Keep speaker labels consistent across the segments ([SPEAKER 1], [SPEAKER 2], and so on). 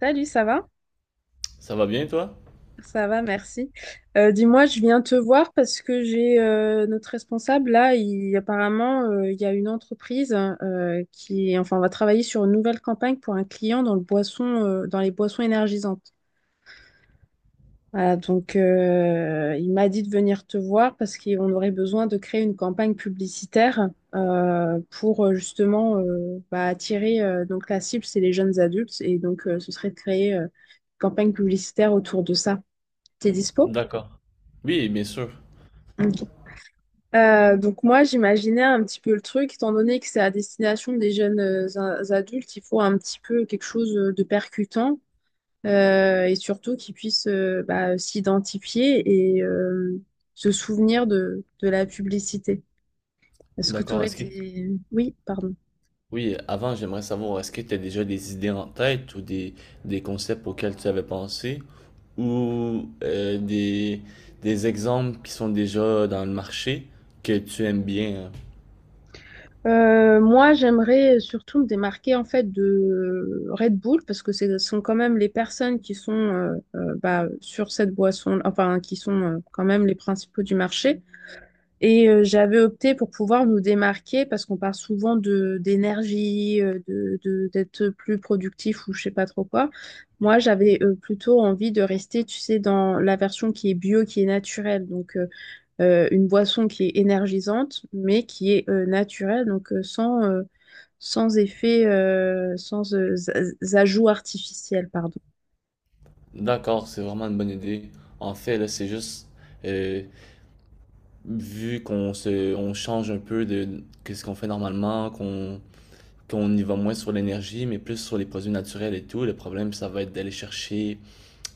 [SPEAKER 1] Salut, ça va?
[SPEAKER 2] Ça va bien, toi?
[SPEAKER 1] Ça va, merci. Dis-moi, je viens te voir parce que j'ai notre responsable là. Il, apparemment, il y a une entreprise qui, enfin, on va travailler sur une nouvelle campagne pour un client dans le boisson, dans les boissons énergisantes. Voilà, donc il m'a dit de venir te voir parce qu'on aurait besoin de créer une campagne publicitaire pour justement bah, attirer. Donc la cible, c'est les jeunes adultes et donc ce serait de créer une campagne publicitaire autour de ça. T'es dispo?
[SPEAKER 2] D'accord. Oui, bien sûr.
[SPEAKER 1] Ok. Donc moi, j'imaginais un petit peu le truc, étant donné que c'est à destination des jeunes adultes, il faut un petit peu quelque chose de percutant et surtout qu'ils puissent bah, s'identifier et se souvenir de la publicité. Est-ce que tu
[SPEAKER 2] D'accord.
[SPEAKER 1] aurais
[SPEAKER 2] Est-ce que...
[SPEAKER 1] des. Oui, pardon.
[SPEAKER 2] Oui, avant, j'aimerais savoir, est-ce que tu as déjà des idées en tête ou des concepts auxquels tu avais pensé ou des exemples qui sont déjà dans le marché que tu aimes bien, hein?
[SPEAKER 1] Moi, j'aimerais surtout me démarquer en fait de Red Bull parce que ce sont quand même les personnes qui sont bah, sur cette boisson, enfin qui sont quand même les principaux du marché. Et j'avais opté pour pouvoir nous démarquer parce qu'on parle souvent de d'énergie, d'être plus productif ou je sais pas trop quoi. Moi, j'avais plutôt envie de rester, tu sais, dans la version qui est bio, qui est naturelle. Donc une boisson qui est énergisante, mais qui est naturelle, donc sans effet, sans ajout artificiel, pardon.
[SPEAKER 2] D'accord, c'est vraiment une bonne idée. En fait, là, c'est juste, euh, vu qu'on se, on change un peu de, qu'est-ce qu'on fait normalement, qu'on y va moins sur l'énergie, mais plus sur les produits naturels et tout. Le problème, ça va être d'aller chercher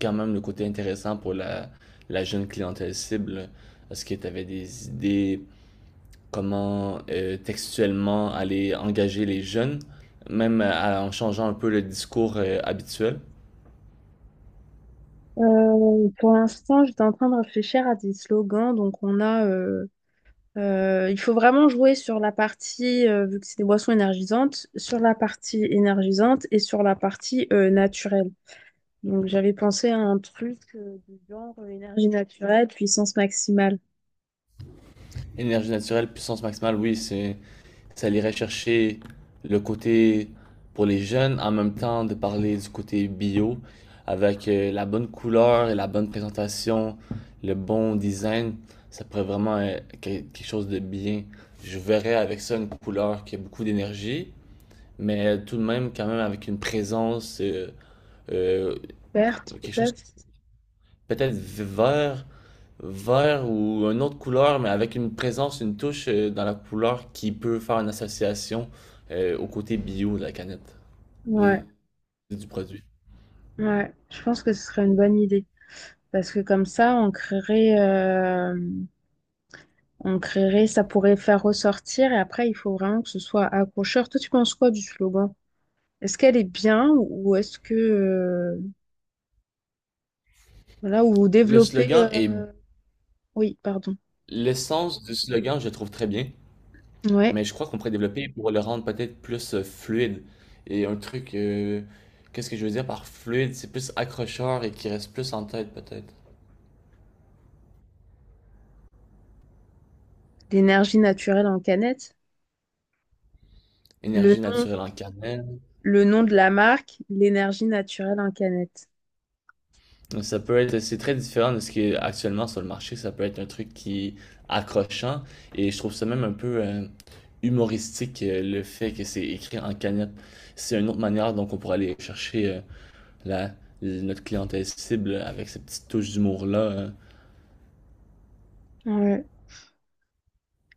[SPEAKER 2] quand même le côté intéressant pour la jeune clientèle cible. Est-ce que tu avais des idées comment textuellement aller engager les jeunes, même en changeant un peu le discours habituel?
[SPEAKER 1] Pour l'instant, j'étais en train de réfléchir à des slogans. Donc, on a, il faut vraiment jouer sur la partie, vu que c'est des boissons énergisantes, sur la partie énergisante et sur la partie naturelle. Donc, j'avais pensé à un truc du genre énergie naturelle, puissance maximale.
[SPEAKER 2] Énergie naturelle, puissance maximale, oui, c'est ça irait chercher le côté pour les jeunes, en même temps de parler du côté bio, avec la bonne couleur et la bonne présentation, le bon design, ça pourrait vraiment être quelque chose de bien. Je verrais avec ça une couleur qui a beaucoup d'énergie, mais tout de même quand même avec une présence, euh,
[SPEAKER 1] Verte,
[SPEAKER 2] quelque chose
[SPEAKER 1] peut-être.
[SPEAKER 2] peut-être vert. Vert ou une autre couleur, mais avec une présence, une touche dans la couleur qui peut faire une association au côté bio de la canette,
[SPEAKER 1] Ouais.
[SPEAKER 2] de- du produit.
[SPEAKER 1] Ouais, je pense que ce serait une bonne idée. Parce que comme ça, on créerait, ça pourrait faire ressortir. Et après, il faut vraiment que ce soit accrocheur. Toi, tu penses quoi du slogan? Est-ce qu'elle est bien ou est-ce que, voilà, ou
[SPEAKER 2] Le
[SPEAKER 1] développer,
[SPEAKER 2] slogan est
[SPEAKER 1] oui, pardon.
[SPEAKER 2] l'essence du slogan, je le trouve très bien,
[SPEAKER 1] Ouais,
[SPEAKER 2] mais je crois qu'on pourrait développer pour le rendre peut-être plus fluide. Et un truc, qu'est-ce que je veux dire par fluide? C'est plus accrocheur et qui reste plus en tête peut-être.
[SPEAKER 1] l'énergie naturelle en canette. Le
[SPEAKER 2] Énergie
[SPEAKER 1] nom,
[SPEAKER 2] naturelle en canette.
[SPEAKER 1] le nom de la marque, l'énergie naturelle en canette.
[SPEAKER 2] Donc, ça peut être, c'est très différent de ce qui est actuellement sur le marché. Ça peut être un truc qui est accrochant et je trouve ça même un peu humoristique le fait que c'est écrit en cagnotte. C'est une autre manière donc on pourrait aller chercher la, notre clientèle cible avec cette petite touche d'humour-là.
[SPEAKER 1] Ouais.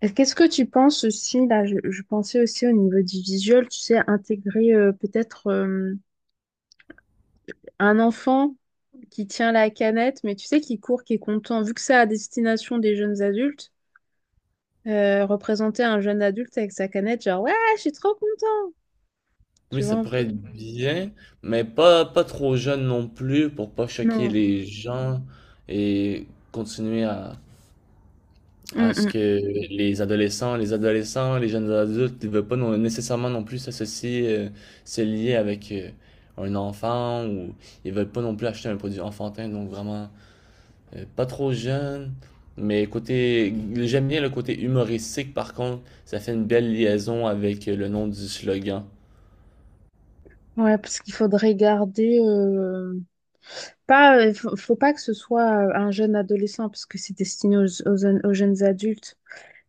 [SPEAKER 1] Et qu'est-ce que tu penses aussi, là, je pensais aussi au niveau du visuel, tu sais, intégrer peut-être un enfant qui tient la canette, mais tu sais, qui court, qui est content, vu que c'est à destination des jeunes adultes, représenter un jeune adulte avec sa canette, genre, ouais, je suis trop content.
[SPEAKER 2] Oui,
[SPEAKER 1] Tu vois
[SPEAKER 2] ça
[SPEAKER 1] un
[SPEAKER 2] pourrait
[SPEAKER 1] peu?
[SPEAKER 2] être bien, mais pas trop jeune non plus pour pas choquer
[SPEAKER 1] Non.
[SPEAKER 2] les gens et continuer
[SPEAKER 1] Mm,
[SPEAKER 2] à ce
[SPEAKER 1] mm.
[SPEAKER 2] que les adolescents, les jeunes adultes ne veulent pas nécessairement non plus s'associer, se lier avec un enfant ou ils veulent pas non plus acheter un produit enfantin, donc vraiment pas trop jeune. Mais côté, j'aime bien le côté humoristique par contre, ça fait une belle liaison avec le nom du slogan.
[SPEAKER 1] Ouais, parce qu'il faudrait garder. Pas, faut pas que ce soit un jeune adolescent, parce que c'est destiné aux jeunes adultes.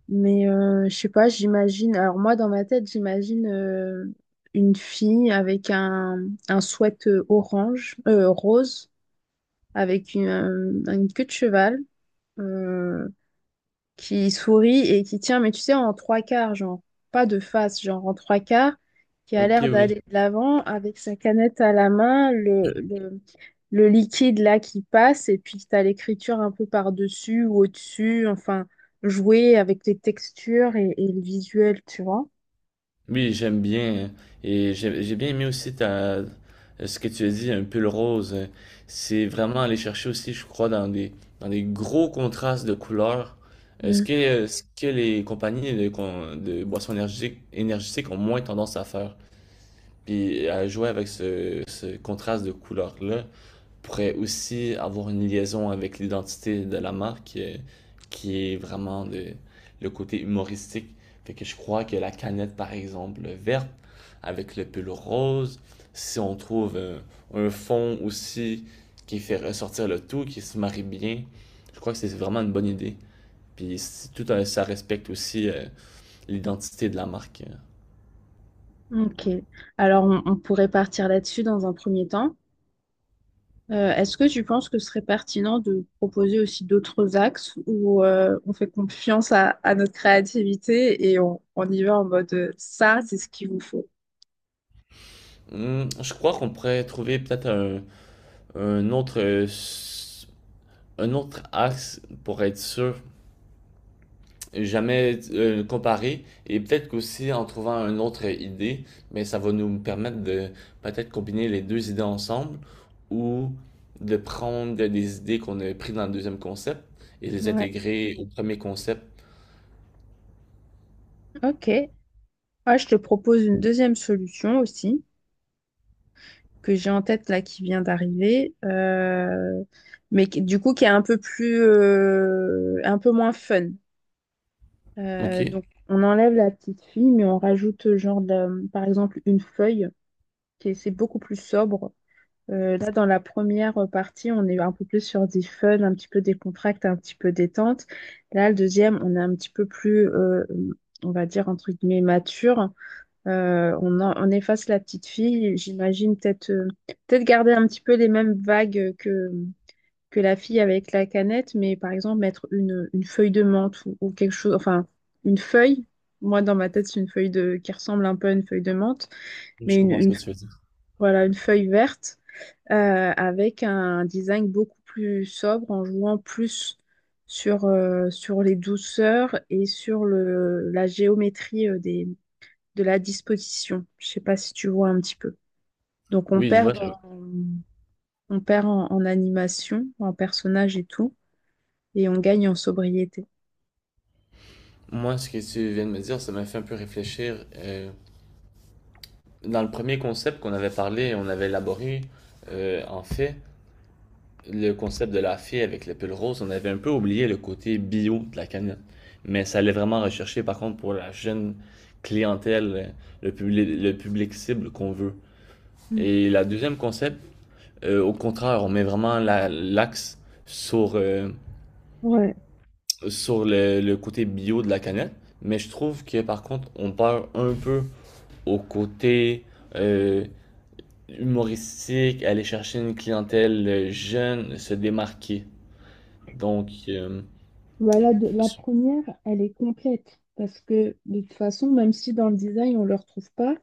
[SPEAKER 1] Mais je sais pas, j'imagine. Alors, moi, dans ma tête, j'imagine une fille avec un sweat rose avec une queue de cheval euh, qui sourit et qui tient, mais tu sais, en trois quarts, genre, pas de face, genre en trois quarts, qui a
[SPEAKER 2] Ok,
[SPEAKER 1] l'air
[SPEAKER 2] oui.
[SPEAKER 1] d'aller de l'avant avec sa canette à la main, le liquide là qui passe, et puis tu as l'écriture un peu par-dessus ou au-dessus, enfin, jouer avec les textures et le visuel, tu vois.
[SPEAKER 2] Oui, j'aime bien, hein. Et j'ai bien aimé aussi ta, euh, ce que tu as dit, un pull rose. C'est vraiment aller chercher aussi, je crois, dans des gros contrastes de couleurs. Est-ce
[SPEAKER 1] Mm.
[SPEAKER 2] que, ce que les compagnies de boissons énergiques, énergétiques ont moins tendance à faire? Puis à jouer avec ce contraste de couleurs-là pourrait aussi avoir une liaison avec l'identité de la marque qui est vraiment le côté humoristique. Fait que je crois que la canette, par exemple, verte avec le pull rose, si on trouve un fond aussi qui fait ressortir le tout, qui se marie bien, je crois que c'est vraiment une bonne idée. Puis ça respecte aussi l'identité de la marque.
[SPEAKER 1] Ok. Alors, on pourrait partir là-dessus dans un premier temps. Est-ce que tu penses que ce serait pertinent de proposer aussi d'autres axes où on fait confiance à notre créativité et on y va en mode ça, c'est ce qu'il vous faut?
[SPEAKER 2] Je crois qu'on pourrait trouver peut-être un autre un autre axe pour être sûr, jamais comparer et peut-être qu'aussi en trouvant une autre idée, mais ça va nous permettre de peut-être combiner les deux idées ensemble ou de prendre des idées qu'on a prises dans le deuxième concept et les
[SPEAKER 1] Ouais,
[SPEAKER 2] intégrer au premier concept.
[SPEAKER 1] ok. Ah, je te propose une deuxième solution aussi, que j'ai en tête là qui vient d'arriver, mais du coup qui est un peu plus, un peu moins fun.
[SPEAKER 2] Ok,
[SPEAKER 1] Donc on enlève la petite fille, mais on rajoute genre de, par exemple une feuille, c'est beaucoup plus sobre. Là, dans la première partie, on est un peu plus sur des fun, un petit peu décontracte, un petit peu détente. Là, le deuxième, on est un petit peu plus, on va dire, entre guillemets, mature. On efface la petite fille. J'imagine peut-être peut-être garder un petit peu les mêmes vagues que la fille avec la canette, mais par exemple, mettre une feuille de menthe ou quelque chose, enfin, une feuille. Moi, dans ma tête, c'est une feuille qui ressemble un peu à une feuille de menthe,
[SPEAKER 2] je
[SPEAKER 1] mais
[SPEAKER 2] comprends ce que tu veux dire.
[SPEAKER 1] voilà, une feuille verte avec un design beaucoup plus sobre en jouant plus sur, sur les douceurs et sur la géométrie de la disposition. Je sais pas si tu vois un petit peu. Donc
[SPEAKER 2] Oui, je vois.
[SPEAKER 1] en- on perd en animation, en personnage et tout, et on gagne en sobriété.
[SPEAKER 2] Moi, ce que tu viens de me dire, ça m'a fait un peu réfléchir. Dans le premier concept qu'on avait parlé, on avait élaboré, en fait, le concept de la fée avec le pull rose, on avait un peu oublié le côté bio de la canette. Mais ça allait vraiment rechercher, par contre, pour la jeune clientèle, le public cible qu'on veut.
[SPEAKER 1] Mm.
[SPEAKER 2] Et la deuxième concept, au contraire, on met vraiment l'axe sur,
[SPEAKER 1] Ouais.
[SPEAKER 2] sur le côté bio de la canette. Mais je trouve que, par contre, on perd un peu au côté euh, humoristique, aller chercher une clientèle jeune, se démarquer. Donc,
[SPEAKER 1] Voilà, la première, elle est complète parce que de toute façon, même si dans le design on le retrouve pas,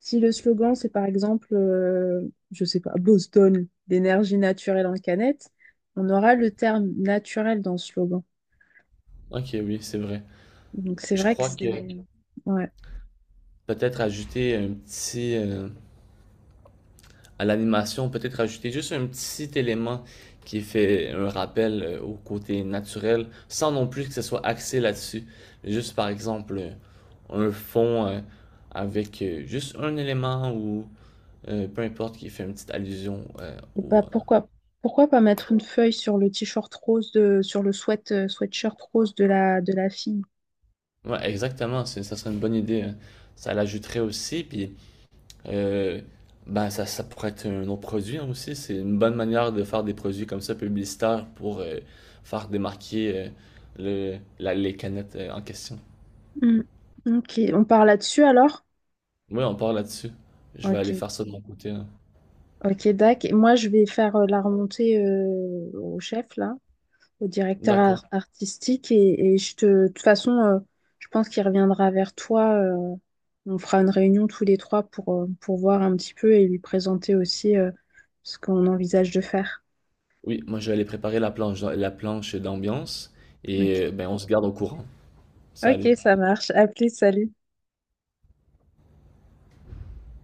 [SPEAKER 1] si le slogan c'est par exemple, je sais pas, Boston, d'énergie naturelle en canette, on aura le terme naturel dans le slogan.
[SPEAKER 2] ok, oui, c'est vrai.
[SPEAKER 1] Donc c'est
[SPEAKER 2] Je
[SPEAKER 1] vrai que
[SPEAKER 2] crois
[SPEAKER 1] c'est,
[SPEAKER 2] que
[SPEAKER 1] ouais.
[SPEAKER 2] peut-être ajouter un petit, à l'animation, peut-être ajouter juste un petit élément qui fait un rappel au côté naturel, sans non plus que ce soit axé là-dessus. Juste par exemple, un fond avec juste un élément ou peu importe qui fait une petite allusion
[SPEAKER 1] Et bah pourquoi pas mettre une feuille sur le t-shirt rose de sur le sweatshirt rose de la fille.
[SPEAKER 2] ouais, exactement, ça serait une bonne idée, hein. Ça l'ajouterait aussi, puis Euh, ben ça pourrait être un autre produit hein, aussi. C'est une bonne manière de faire des produits comme ça publicitaires pour faire démarquer le, les canettes en question.
[SPEAKER 1] Hmm. Ok, on part là-dessus alors?
[SPEAKER 2] Oui, on part là-dessus. Je vais aller
[SPEAKER 1] Ok.
[SPEAKER 2] faire ça de mon côté, hein.
[SPEAKER 1] Ok, Dac. Et moi, je vais faire la remontée au chef, là, au directeur
[SPEAKER 2] D'accord.
[SPEAKER 1] artistique. Et je te, de toute façon, je pense qu'il reviendra vers toi. On fera une réunion tous les trois pour voir un petit peu et lui présenter aussi ce qu'on envisage de faire.
[SPEAKER 2] Oui, moi je vais aller préparer la planche d'ambiance et
[SPEAKER 1] Ok.
[SPEAKER 2] ben on se garde au courant.
[SPEAKER 1] Ok,
[SPEAKER 2] Salut.
[SPEAKER 1] ça marche. À plus, salut.